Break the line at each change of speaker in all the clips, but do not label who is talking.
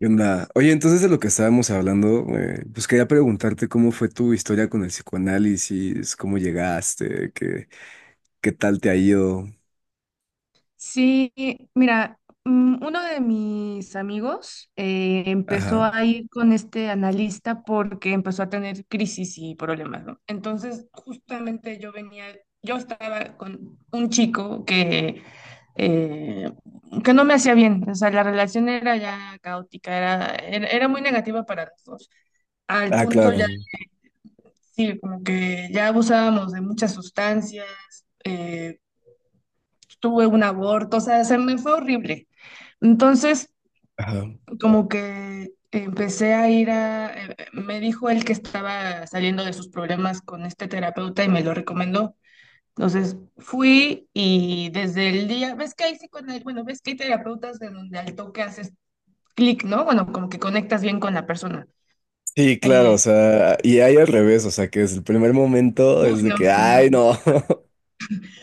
¿Qué onda? Oye, entonces de lo que estábamos hablando, pues quería preguntarte cómo fue tu historia con el psicoanálisis, cómo llegaste, qué tal te ha ido.
Sí, mira, uno de mis amigos empezó
Ajá.
a ir con este analista porque empezó a tener crisis y problemas, ¿no? Entonces, justamente yo estaba con un chico eh, que no me hacía bien, o sea, la relación era ya caótica, era muy negativa para los dos, al
Ah,
punto
claro.
ya, sí, como que ya abusábamos de muchas sustancias, eh, tuve un aborto, o sea, se me fue horrible. Entonces,
Ajá.
como que empecé a ir me dijo él que estaba saliendo de sus problemas con este terapeuta y me lo recomendó. Entonces fui y desde el día, ves que hay bueno, ves que hay terapeutas en donde al toque haces clic, ¿no? Bueno, como que conectas bien con la persona.
Sí, claro,
Eh,
o sea, y hay al revés, o sea, que desde el primer momento
Uf,
es de
no,
que,
sí,
ay,
sí, sí.
no.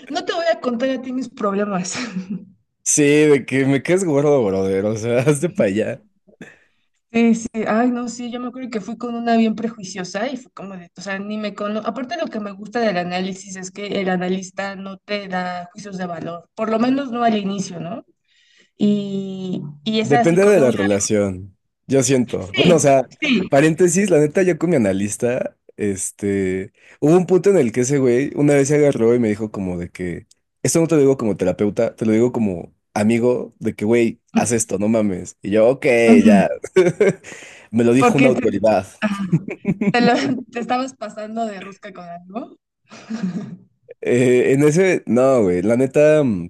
No te voy a contar a ti mis problemas.
Sí, de que me quedes gordo, brother, o sea, hazte para allá.
Sí, sí, ay, no, sí, yo me acuerdo que fui con una bien prejuiciosa y fue como de, o sea, ni me cono... aparte lo que me gusta del análisis es que el analista no te da juicios de valor, por lo menos no al inicio, ¿no? Y esa
Depende de la
psicóloga,
relación, yo siento. Bueno, o
sí,
sea,
sí,
paréntesis, la neta, yo con mi analista, hubo un punto en el que ese güey una vez se agarró y me dijo como de que, esto no te lo digo como terapeuta, te lo digo como amigo, de que, güey, haz esto, no mames. Y yo, ok,
ujú,
ya. Me lo dijo una
porque te,
autoridad.
ajá, te, lo- te estabas pasando de rosca con algo.
En ese, no, güey, la neta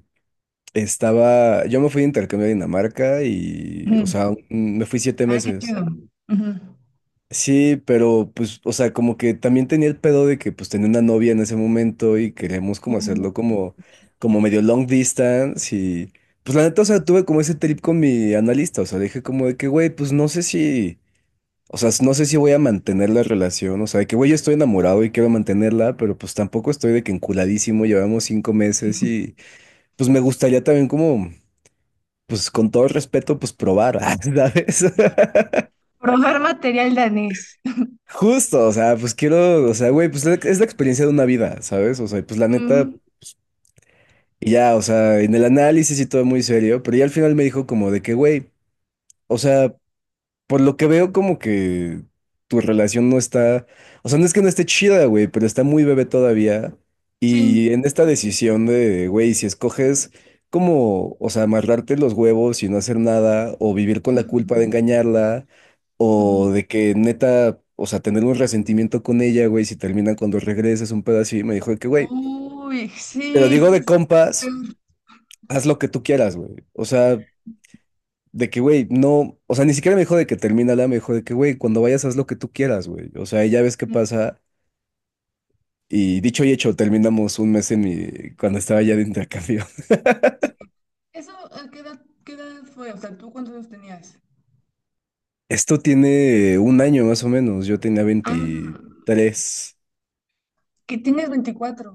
estaba, yo me fui de intercambio a Dinamarca y, o
Ujú.
sea, me fui siete
Ay, qué
meses.
chido. Ujú.
Sí, pero pues, o sea, como que también tenía el pedo de que pues tenía una novia en ese momento y queríamos como hacerlo como medio long distance y pues la neta, o sea, tuve como ese trip con mi analista, o sea, dije como de que, güey, pues no sé si, o sea, no sé si voy a mantener la relación, o sea, de que, güey, yo estoy enamorado y quiero mantenerla, pero pues tampoco estoy de que enculadísimo, llevamos 5 meses y pues me gustaría también como, pues con todo respeto, pues probar, ¿sabes?
Probar material danés.
Justo, o sea, pues quiero, o sea, güey, pues es la experiencia de una vida, ¿sabes? O sea, y pues la neta,
Ujú.
y ya, o sea, en el análisis y todo muy serio, pero ya al final me dijo como de que, güey, o sea, por lo que veo, como que tu relación no está, o sea, no es que no esté chida, güey, pero está muy bebé todavía.
Sí.
Y en esta decisión de, güey, si escoges como, o sea, amarrarte los huevos y no hacer nada, o vivir con la culpa de engañarla, o
Ujú.
de que neta, o sea, tener un resentimiento con ella, güey, si terminan cuando regreses un pedo así, me dijo de que, güey,
Uy,
te lo
sí,
digo
sí,
de
sí.
compas,
Súper.
haz lo que tú quieras, güey. O sea, de que, güey, no, o sea, ni siquiera me dijo de que termínala, me dijo de que, güey, cuando vayas haz lo que tú quieras, güey. O sea, y ya ves qué pasa. Y dicho y hecho, terminamos un mes en mi, cuando estaba ya de intercambio.
¿Eso a qué edad fue? O sea, ¿tú cuántos años tenías?
Esto tiene un año más o menos, yo tenía
Ah,
23.
que tienes 24.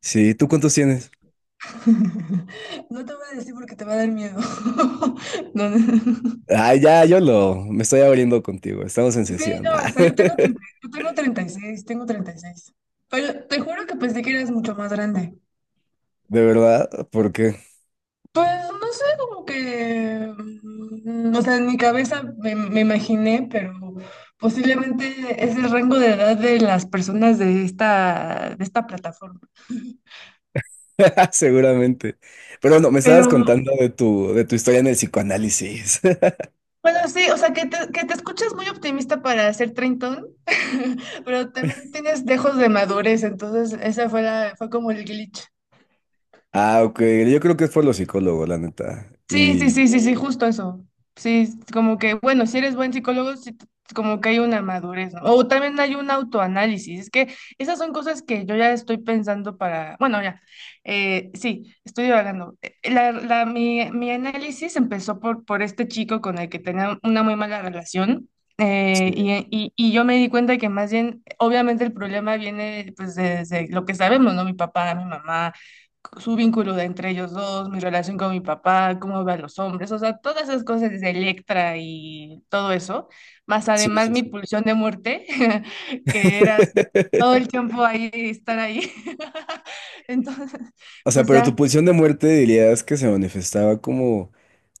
Sí, ¿tú cuántos tienes?
No te voy a decir porque te va a dar miedo. No, no.
Ah, ya, me estoy abriendo contigo, estamos en
Sí,
sesión.
no, o
Ah,
sea, yo tengo treinta y seis. Pero te juro que pensé que eras mucho más grande.
de verdad, porque
Pues no sé, como que, o sea, en mi cabeza me imaginé, pero posiblemente es el rango de edad de las personas de esta plataforma.
seguramente. Pero no, me
Pero
estabas contando de tu historia en el psicoanálisis.
bueno, sí, o sea, que te escuchas muy optimista para ser treintón, pero también tienes dejos de madurez, entonces esa fue la, fue como el glitch.
Ah, ok. Yo creo que es por los psicólogos, la neta.
Sí, sí,
Y...
sí, sí, sí, justo eso. Sí, como que, bueno, si eres buen psicólogo, como que hay una madurez, ¿no? O también hay un autoanálisis. Es que esas son cosas que yo ya estoy pensando para, bueno, ya, sí, estoy divagando. Mi análisis empezó por este chico con el que tenía una muy mala relación.
Sí,
Y yo me di cuenta que más bien, obviamente el problema viene pues desde lo que sabemos, ¿no? Mi papá, mi mamá, su vínculo de entre ellos dos, mi relación con mi papá, cómo veo a los hombres, o sea, todas esas cosas de Electra y todo eso, más
sí,
además
sí,
mi
sí.
pulsión de muerte, que era así, todo el tiempo ahí, estar ahí. Entonces,
O sea,
pues
pero tu
ya,
pulsión de muerte dirías que se manifestaba como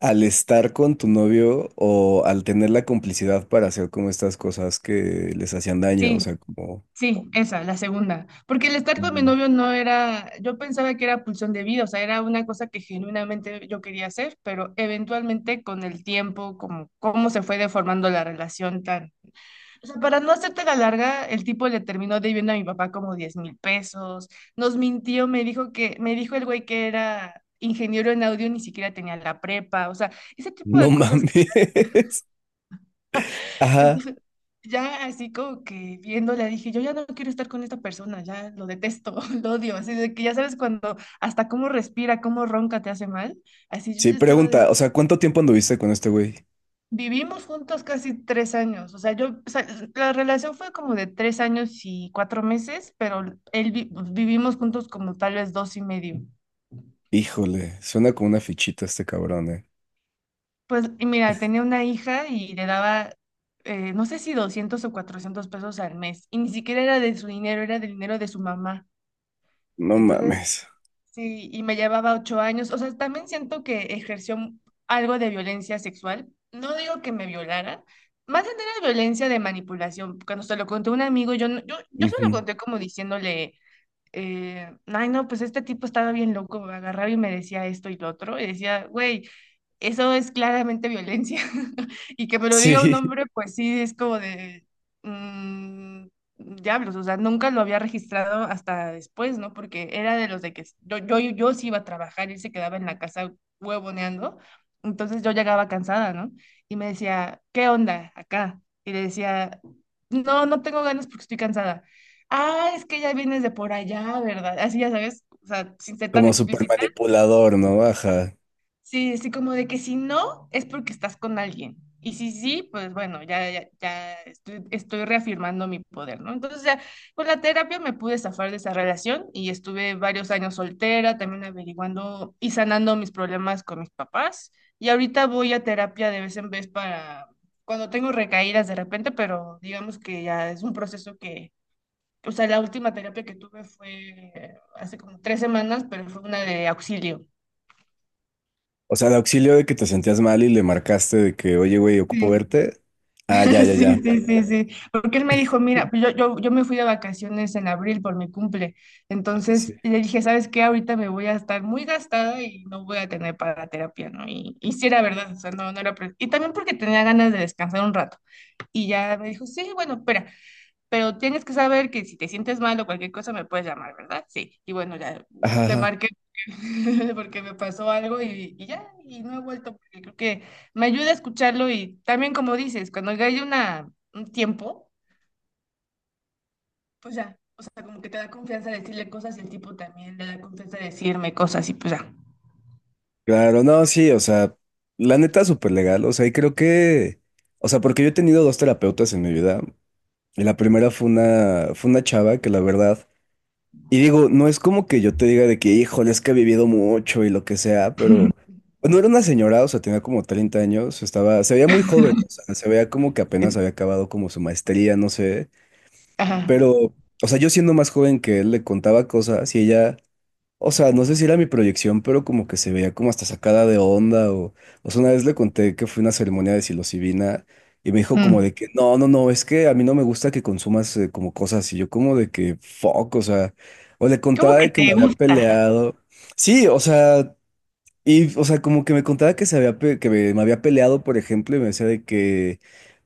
al estar con tu novio o al tener la complicidad para hacer como estas cosas que les hacían daño, o
sí,
sea, como...
sí, esa, la segunda. Porque el estar con mi
Ujú.
novio no era, yo pensaba que era pulsión de vida, o sea, era una cosa que genuinamente yo quería hacer, pero eventualmente con el tiempo, como cómo se fue deformando la relación tan. O sea, para no hacerte la larga, el tipo le terminó debiendo a mi papá como 10,000 pesos. Nos mintió, me dijo el güey que era ingeniero en audio, ni siquiera tenía la prepa. O sea, ese tipo
No
de cosas que
mames. Ajá.
ya así como que viéndola dije, yo ya no quiero estar con esta persona, ya lo detesto, lo odio. Así de que ya sabes cuando hasta cómo respira, cómo ronca te hace mal. Así yo
Sí,
ya estaba de.
pregunta, o sea, ¿cuánto tiempo anduviste con este güey?
Vivimos juntos casi 3 años, o sea, yo, o sea, la relación fue como de 3 años y 4 meses, pero vivimos juntos como tal vez 2 y medio.
Híjole, suena como una fichita este cabrón, eh.
Pues, y mira, tenía una hija y le daba, no sé si 200 o 400 pesos al mes, y ni siquiera era de su dinero, era del dinero de su mamá.
No
Entonces,
mames.
sí, y me llevaba 8 años. O sea, también siento que ejerció algo de violencia sexual. No digo que me violaran, más bien era violencia de manipulación. Cuando se lo conté a un amigo, yo, no- yo se lo
Ujú.
conté como diciéndole, ay, no, pues este tipo estaba bien loco, agarraba y me decía esto y lo otro. Y decía, güey, eso es claramente violencia. Y que me lo diga un
Sí.
hombre, pues sí, es como de, mm, diablos. O sea, nunca lo había registrado hasta después, ¿no? Porque era de los de que yo sí iba a trabajar, él se quedaba en la casa huevoneando. Entonces yo llegaba cansada, ¿no? Y me decía, ¿qué onda acá? Y le decía, no, no tengo ganas porque estoy cansada. Ah, es que ya vienes de por allá, ¿verdad? Así ya sabes, o sea, sin ser tan
Como súper
explícito.
manipulador, ¿no? Ajá.
Sí, sí, como de que si no, es porque estás con alguien. Y si sí, pues bueno, ya, ya, ya estoy reafirmando mi poder, ¿no? Entonces, ya, con la terapia me pude zafar de esa relación y estuve varios años soltera, también averiguando y sanando mis problemas con mis papás. Y ahorita voy a terapia de vez en vez para cuando tengo recaídas de repente, pero digamos que ya es un proceso que, o sea, la última terapia que tuve fue hace como 3 semanas, pero fue una de auxilio.
O sea, de auxilio de que te sentías mal y le marcaste de que, oye, güey, ocupo verte. Ah, ya, ya,
Sí,
ya.
sí, sí, sí. Porque él me dijo, mira, pues yo me fui de vacaciones en abril por mi cumple.
Sí.
Entonces le dije, ¿sabes qué? Ahorita me voy a estar muy gastada y no voy a tener para terapia, ¿no? Y sí era verdad, o sea, no, no era. Y también porque tenía ganas de descansar un rato. Y ya me dijo, sí, bueno, espera, pero tienes que saber que si te sientes mal o cualquier cosa me puedes llamar, ¿verdad? Sí. Y bueno, ya
Ajá,
le
ajá.
marqué porque me pasó algo y ya, y no he vuelto porque creo que me ayuda a escucharlo y también como dices, cuando ya hay una, un tiempo, pues ya, o sea, como que te da confianza decirle cosas y el tipo también le da confianza decirme cosas y pues ya.
Claro, no, sí, o sea, la neta súper legal. O sea, y creo que, o sea, porque yo he tenido dos terapeutas en mi vida. Y la primera fue una chava que la verdad. Y digo, no es como que yo te diga de que, híjole, es que he vivido mucho y lo que sea, pero pues, no era una señora, o sea, tenía como 30 años, estaba, se veía muy joven, o sea, se veía como que apenas
Sí.
había acabado como su maestría, no sé,
Ajá.
pero, o sea, yo siendo más joven que él le contaba cosas y ella, o sea, no sé si era mi proyección, pero como que se veía como hasta sacada de onda o sea, una vez le conté que fue una ceremonia de psilocibina y me dijo como
Mm.
de que no, no, no, es que a mí no me gusta que consumas como cosas, y yo como de que fuck, o sea, o le
¿Cómo
contaba
que
de que
te
me había
gusta?
peleado. Sí, o sea, y o sea, como que me contaba que se había que me había peleado, por ejemplo, y me decía de que,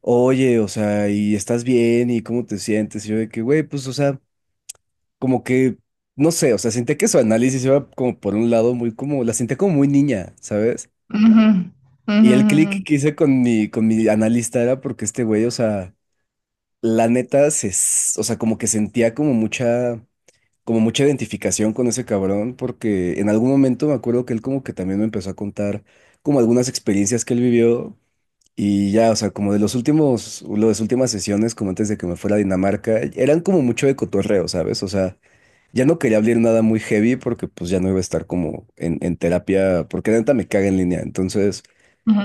oye, o sea, ¿y estás bien? ¿Y cómo te sientes? Y yo de que, güey, pues, o sea, como que, no sé, o sea, sentía que su análisis iba como por un lado muy como, la sentía como muy niña, ¿sabes?
Ujú,
Y
ujú,
el
ujú,
clic que hice con mi analista era porque este güey, o sea, la neta, o sea, como que sentía como mucha identificación con ese cabrón, porque en algún momento me acuerdo que él como que también me empezó a contar como algunas experiencias que él vivió y ya, o sea, como de los últimos, las últimas sesiones, como antes de que me fuera a Dinamarca, eran como mucho de cotorreo, ¿sabes? O sea, ya no quería abrir nada muy heavy porque pues ya no iba a estar como en terapia, porque la neta me caga en línea. Entonces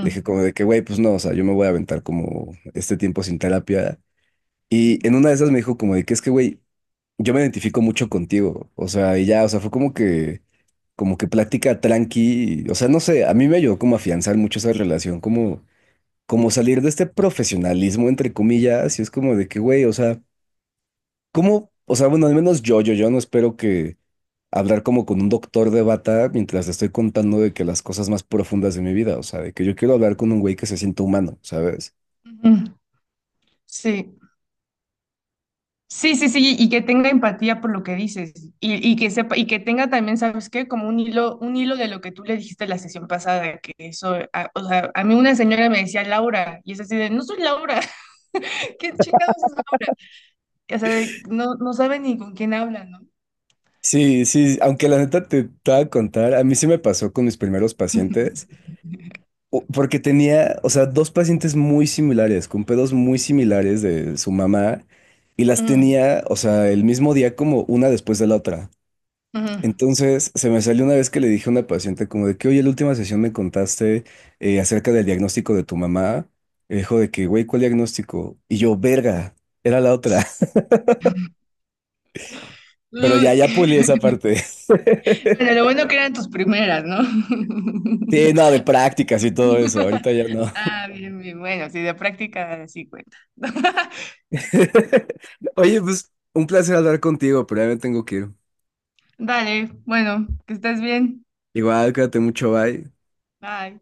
dije como de que, güey, pues no, o sea, yo me voy a aventar como este tiempo sin terapia. Y en una de esas me dijo como de que es que, güey, yo me identifico mucho contigo. O sea, y ya, o sea, fue como que plática tranqui. O sea, no sé, a mí me ayudó como a afianzar mucho esa relación, como como salir de este profesionalismo, entre comillas, y es como de que, güey, o sea, ¿cómo? O sea, bueno, al menos yo, yo no espero que hablar como con un doctor de bata mientras te estoy contando de que las cosas más profundas de mi vida, o sea, de que yo quiero hablar con un güey que se sienta humano, ¿sabes?
ujú. Sí. Sí, sí, sí, y que tenga empatía por lo que dices y que sepa y que tenga también, ¿sabes qué? Como un hilo de lo que tú le dijiste la sesión pasada, que eso, o sea, a mí una señora me decía Laura y es así de, no soy Laura, ¿qué chingados es Laura? O sea, no, no sabe ni con quién habla, ¿no?
Sí, sí, aunque la neta te, te voy a contar, a mí sí me pasó con mis primeros pacientes, o- porque tenía, o sea, dos pacientes muy similares, con pedos muy similares de su mamá, y las
Mm,
tenía, o sea, el mismo día como una después de la otra.
ujú.
Entonces, se me salió una vez que le dije a una paciente como de que, oye, la última sesión me contaste acerca del diagnóstico de tu mamá. Y dijo de que, güey, ¿cuál diagnóstico? Y yo, verga, era la otra. Pero ya,
Uy,
ya pulí esa parte.
Pero lo bueno que eran tus primeras, ¿no?
Sí, no, de prácticas y todo eso. Ahorita ya no.
Ah, bien, bien, bueno, sí, de práctica sí cuenta.
Oye, pues un placer hablar contigo, pero ya me tengo que ir.
Dale, bueno, que estés bien.
Igual, cuídate mucho, bye.
Bye.